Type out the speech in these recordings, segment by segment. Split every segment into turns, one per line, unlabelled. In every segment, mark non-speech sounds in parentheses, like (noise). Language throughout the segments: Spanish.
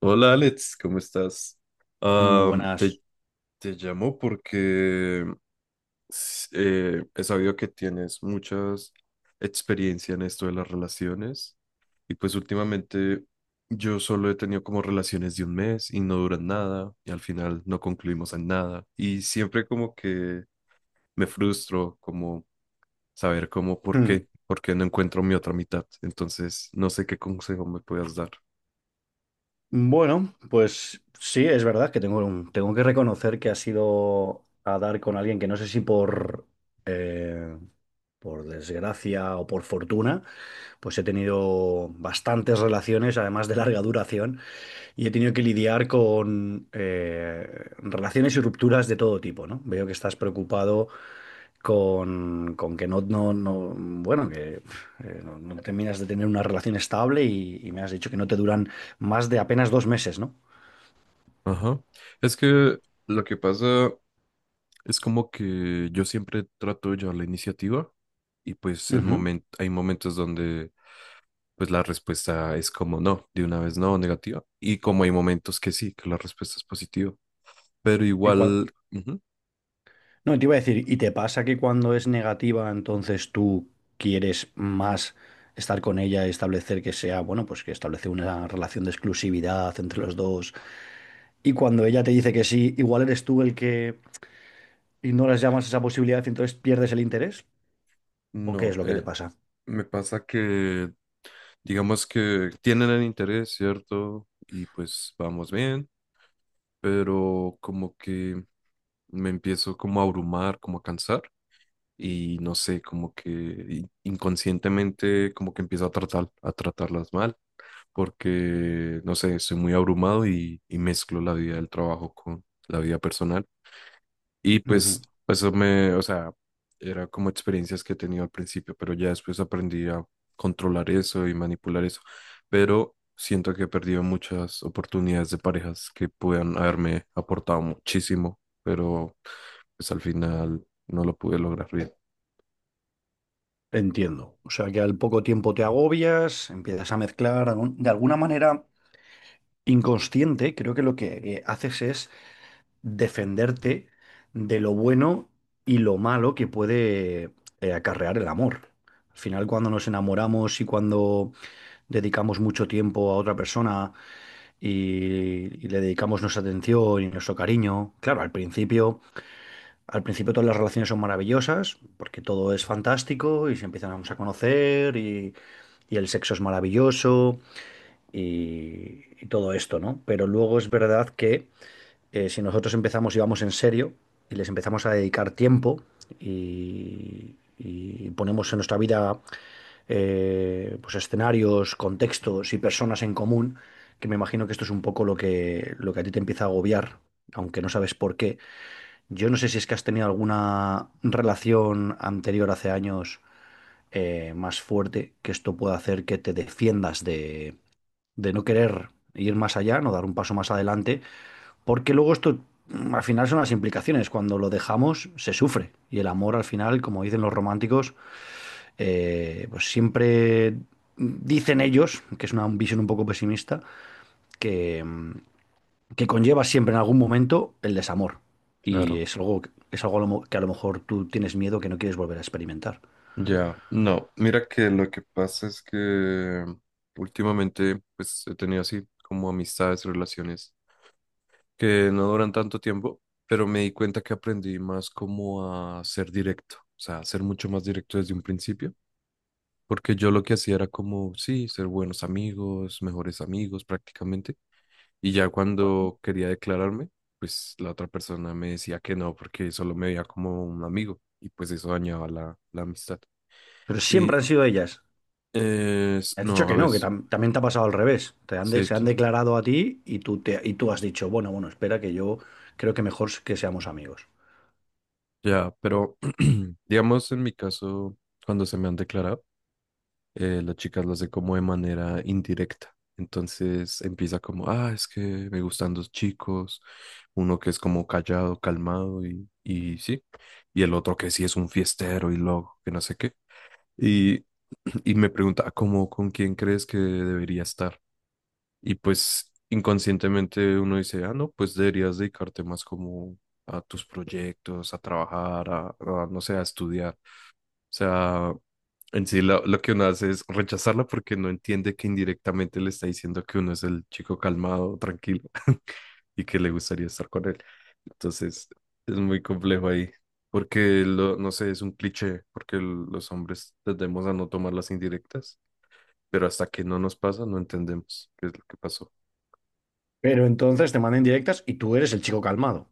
Hola Alex, ¿cómo estás?
Muy
Am, te,
buenas.
te llamo porque he sabido que tienes muchas experiencia en esto de las relaciones y pues últimamente yo solo he tenido como relaciones de un mes y no duran nada y al final no concluimos en nada y siempre como que me frustro como saber cómo
Hmm.
por qué no encuentro mi otra mitad. Entonces no sé qué consejo me puedas dar.
Bueno, pues sí, es verdad que tengo que reconocer que ha sido a dar con alguien que no sé si eh, por desgracia o por fortuna, pues he tenido bastantes relaciones, además de larga duración. Y he tenido que lidiar con relaciones y rupturas de todo tipo, ¿no? Veo que estás preocupado con que bueno, que no terminas de tener una relación estable y me has dicho que no te duran más de apenas dos meses, ¿no?
Ajá. Es que lo que pasa es como que yo siempre trato de llevar la iniciativa y pues
Ujú.
hay momentos donde pues la respuesta es como no, de una vez no, negativa. Y como hay momentos que sí, que la respuesta es positiva. Pero
Y cua-
igual, ujú,
No, te iba a decir, ¿y te pasa que cuando es negativa, entonces tú quieres más estar con ella, establecer que sea, bueno, pues que establecer una relación de exclusividad entre los dos? Y cuando ella te dice que sí, igual eres tú el que ignoras ya más esa posibilidad y entonces pierdes el interés. ¿O qué
no,
es lo que te pasa?
me pasa que digamos que tienen el interés, ¿cierto? Y pues vamos bien, pero como que me empiezo como a abrumar, como a cansar. Y no sé, como que inconscientemente como que empiezo a tratar, a tratarlas mal, porque no sé, estoy muy abrumado y mezclo la vida del trabajo con la vida personal. Y pues
Ujú.
eso me, o sea, era como experiencias que he tenido al principio, pero ya después aprendí a controlar eso y manipular eso. Pero siento que he perdido muchas oportunidades de parejas que puedan haberme aportado muchísimo, pero pues al final no lo pude lograr bien.
Entiendo. O sea, que al poco tiempo te agobias, empiezas a mezclar de alguna manera inconsciente. Creo que lo que haces es defenderte de lo bueno y lo malo que puede acarrear el amor. Al final, cuando nos enamoramos y cuando dedicamos mucho tiempo a otra persona y le dedicamos nuestra atención y nuestro cariño, claro, al principio todas las relaciones son maravillosas porque todo es fantástico y se empiezan a conocer, y el sexo es maravilloso y todo esto, ¿no? Pero luego es verdad que si nosotros empezamos y vamos en serio y les empezamos a dedicar tiempo y ponemos en nuestra vida pues escenarios, contextos y personas en común, que me imagino que esto es un poco lo que a ti te empieza a agobiar, aunque no sabes por qué. Yo no sé si es que has tenido alguna relación anterior hace años más fuerte, que esto pueda hacer que te defiendas de no querer ir más allá, no dar un paso más adelante. Porque luego esto, al final son las implicaciones. Cuando lo dejamos, se sufre. Y el amor, al final, como dicen los románticos, pues siempre dicen ellos, que es una visión un poco pesimista, que, mm, que conlleva siempre en algún momento el desamor. Y
Claro.
es algo que a lo mejor tú tienes miedo, que no quieres volver a experimentar.
Ya, no, mira que lo que pasa es que últimamente pues he tenido así como amistades, relaciones que no duran tanto tiempo, pero me di cuenta que aprendí más como a ser directo, o sea, a ser mucho más directo desde un principio, porque yo lo que hacía era como, sí, ser buenos amigos, mejores amigos prácticamente, y ya
Bueno,
cuando quería declararme, pues la otra persona me decía que no, porque solo me veía como un amigo, y pues eso dañaba la amistad.
Pero siempre han sido ellas. Me has dicho
No, a
que no, que
veces,
también te ha pasado al revés. Te han
sí,
se han declarado a ti y tú, te, y tú has dicho, bueno, bueno, espera que yo creo que mejor que seamos amigos.
ya, pero (clears throat) digamos en mi caso, cuando se me han declarado, las chicas lo hacen como de manera indirecta. Entonces empieza como, ah, es que me gustan dos chicos, uno que es como callado, calmado y sí, y el otro que sí es un fiestero y loco, que no sé qué. Y, (clears throat) y me pregunta, "Ah, ¿cómo, con quién crees que debería estar? Y pues inconscientemente uno dice, ah, no, pues deberías dedicarte más como a tus proyectos, a trabajar, a, no sé, a estudiar. O sea, en sí lo que uno hace es rechazarla porque no entiende que indirectamente le está diciendo que uno es el chico calmado, tranquilo (laughs) y que le gustaría estar con él. Entonces, es muy complejo ahí. Porque, lo, no sé, es un cliché, porque los hombres tendemos a no tomar las indirectas, pero hasta que no nos pasa, no entendemos qué es lo que pasó.
Pero entonces te mandan directas y tú eres el chico calmado.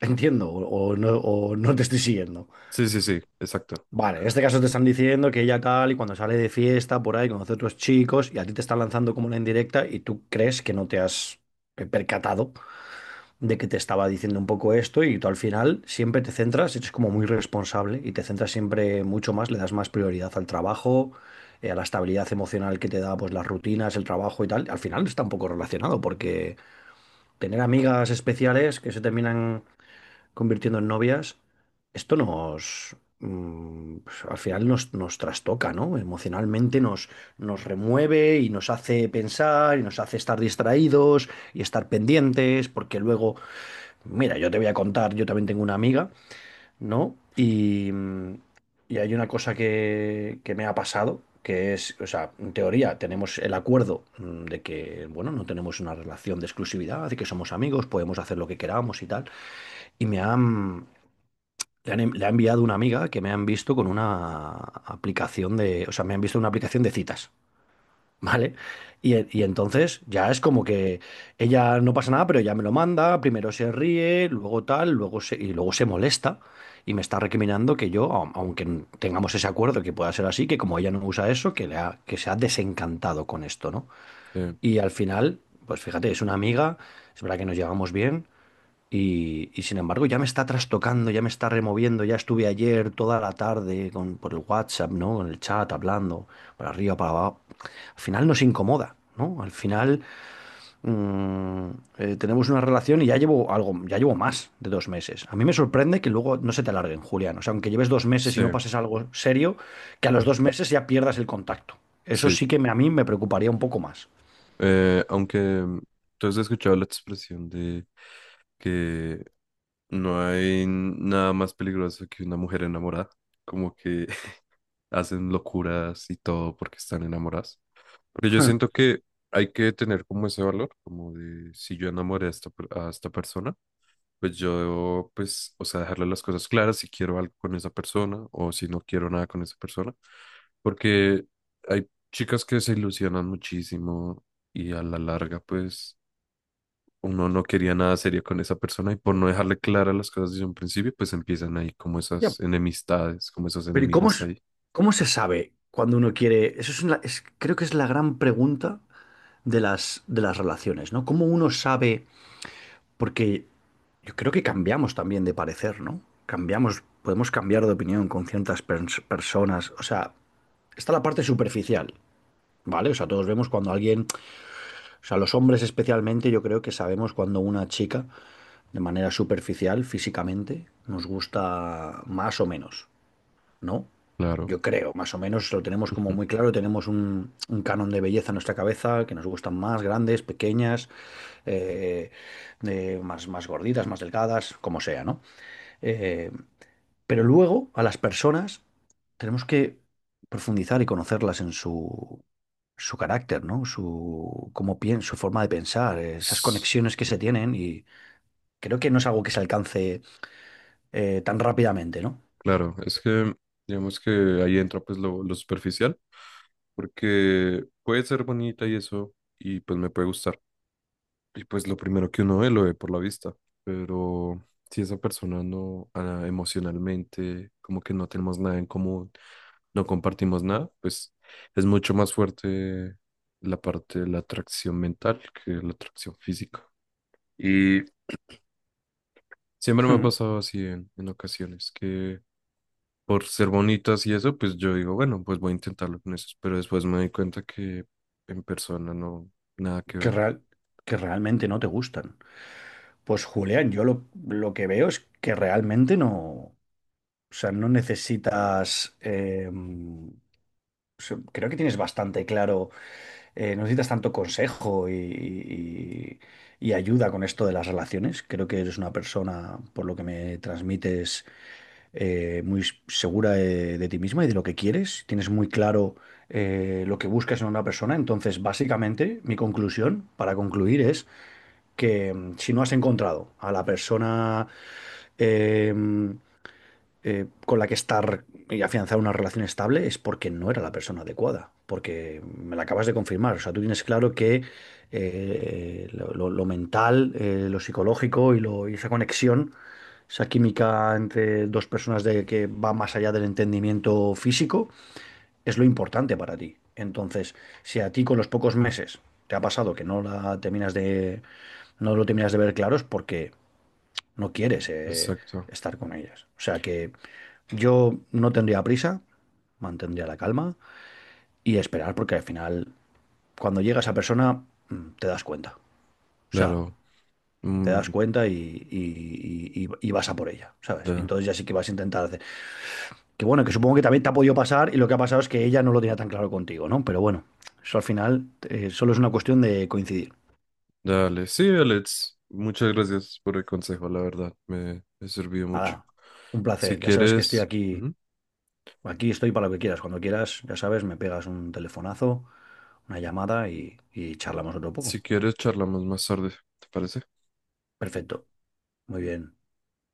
Entiendo, o no te estoy siguiendo.
Sí, sí, sí, exacto.
Vale, en este caso te están diciendo que ella tal, y cuando sale de fiesta por ahí conoce a otros chicos y a ti te están lanzando como una indirecta y tú crees que no te has percatado de que te estaba diciendo un poco esto, y tú al final siempre te centras, eres como muy responsable y te centras siempre mucho más, le das más prioridad al trabajo, a la estabilidad emocional que te da pues las rutinas, el trabajo y tal. Al final está un poco relacionado porque tener amigas especiales que se terminan convirtiendo en novias, esto nos, pues, al final nos trastoca, ¿no? Emocionalmente nos remueve y nos hace pensar y nos hace estar distraídos y estar pendientes, porque luego... Mira, yo te voy a contar, yo también tengo una amiga, ¿no? Y, y hay una cosa que me ha pasado, que es, o sea, en teoría tenemos el acuerdo, de que, bueno, no tenemos una relación de exclusividad, de que somos amigos, podemos hacer lo que queramos y tal. Y me han, le han, en- Le ha enviado una amiga que me han visto con una aplicación o sea, me han visto en una aplicación de citas, ¿vale? Y entonces ya es como que ella no pasa nada, pero ya me lo manda, primero se ríe, luego tal, luego se, y luego se molesta y me está recriminando que yo, aunque tengamos ese acuerdo, que pueda ser así, que como ella no usa eso, que se ha desencantado con esto, ¿no?
Eh,
Y al final, pues fíjate, es una amiga, es verdad que nos llevamos bien y sin embargo ya me está trastocando, ya me está removiendo, ya estuve ayer toda la tarde por el WhatsApp, ¿no? Con el chat, hablando, para arriba, para abajo. Al final nos incomoda, ¿no? Al final, mm, tenemos una relación y ya llevo algo, ya llevo más de dos meses. A mí me sorprende que luego no se te alarguen, Julián. O sea, aunque lleves dos meses y
sí,
no pases algo serio, que a los dos meses ya pierdas el contacto. Eso
sí.
sí que a mí me preocuparía un poco más.
Aunque tú has escuchado la expresión de que no hay nada más peligroso que una mujer enamorada, como que (laughs) hacen locuras y todo porque están enamoradas. Porque yo siento
(laughs)
que hay que tener como ese valor, como de si yo enamoré a esta, a esta persona. Pues yo debo, pues, o sea, dejarle las cosas claras si quiero algo con esa persona o si no quiero nada con esa persona, porque hay chicas que se ilusionan muchísimo y a la larga, pues, uno no quería nada serio con esa persona y por no dejarle claras las cosas desde un principio, pues empiezan ahí como
Ya,
esas enemistades, como esos
pero ¿y cómo,
enemigos ahí.
cómo se sabe cuando uno quiere? Eso es una- es- creo que es la gran pregunta de las relaciones, ¿no? ¿Cómo uno sabe? Porque yo creo que cambiamos también de parecer, ¿no? Cambiamos, podemos cambiar de opinión con ciertas personas. O sea, está la parte superficial, ¿vale? O sea, todos vemos cuando alguien, o sea, los hombres especialmente, yo creo que sabemos cuando una chica, de manera superficial, físicamente, nos gusta más o menos, ¿no?
Claro.
Yo creo, más o menos lo tenemos como
Ujú.
muy claro, tenemos un canon de belleza en nuestra cabeza, que nos gustan más grandes, pequeñas, eh, más gorditas, más delgadas, como sea, ¿no? Eh, pero luego a las personas tenemos que profundizar y conocerlas en su, su carácter, ¿no? Su, cómo piensa, su forma de pensar, esas
S-
conexiones que se tienen, y creo que no es algo que se alcance tan rápidamente, ¿no?
Claro, es que digamos que ahí entra pues lo superficial, porque puede ser bonita y eso, y pues me puede gustar. Y pues lo primero que uno ve, lo ve por la vista, pero si esa persona no, ah, emocionalmente, como que no tenemos nada en común, no compartimos nada, pues es mucho más fuerte la parte de la atracción mental que la atracción física. Y siempre me ha
(laughs)
pasado así en ocasiones, que por ser bonitas y eso, pues yo digo, bueno, pues voy a intentarlo con eso, pero después me doy cuenta que en persona no, nada que
Que
ver.
real, que realmente no te gustan. Pues Julián, yo lo que veo es que realmente no, o sea, no necesitas, o sea, creo que tienes bastante claro, no necesitas tanto consejo y, y ayuda con esto de las relaciones. Creo que eres una persona, por lo que me transmites, muy segura de ti misma y de lo que quieres. Tienes muy claro lo que buscas en una persona. Entonces, básicamente, mi conclusión, para concluir, es que si no has encontrado a la persona eh, mm, con la que estar y afianzar una relación estable es porque no era la persona adecuada, porque me la acabas de confirmar. O sea, tú tienes claro que lo mental, lo psicológico y, y esa conexión, esa química entre dos personas, de, que va más allá del entendimiento físico, es lo importante para ti. Entonces, si a ti con los pocos meses te ha pasado que no lo terminas de ver claro, es porque no quieres
Exacto,
estar con ellas. O sea que yo no tendría prisa, mantendría la calma y esperar, porque al final, cuando llega esa persona, te das cuenta. O sea,
claro.
te das
Mm,
cuenta y, y vas a por ella, ¿sabes? Y
da.
entonces ya sí que vas a intentar hacer. Que bueno, que supongo que también te ha podido pasar, y lo que ha pasado es que ella no lo tenía tan claro contigo, ¿no? Pero bueno, eso al final solo es una cuestión de coincidir.
Dale, sí, Alex, muchas gracias por el consejo, la verdad, me sirvió
Nada,
mucho.
un
Si
placer. Ya sabes que estoy
quieres,
aquí,
ujú,
aquí estoy para lo que quieras. Cuando quieras, ya sabes, me pegas un telefonazo, una llamada y charlamos otro poco.
si quieres, charlamos más tarde, ¿te parece?
Perfecto, muy bien.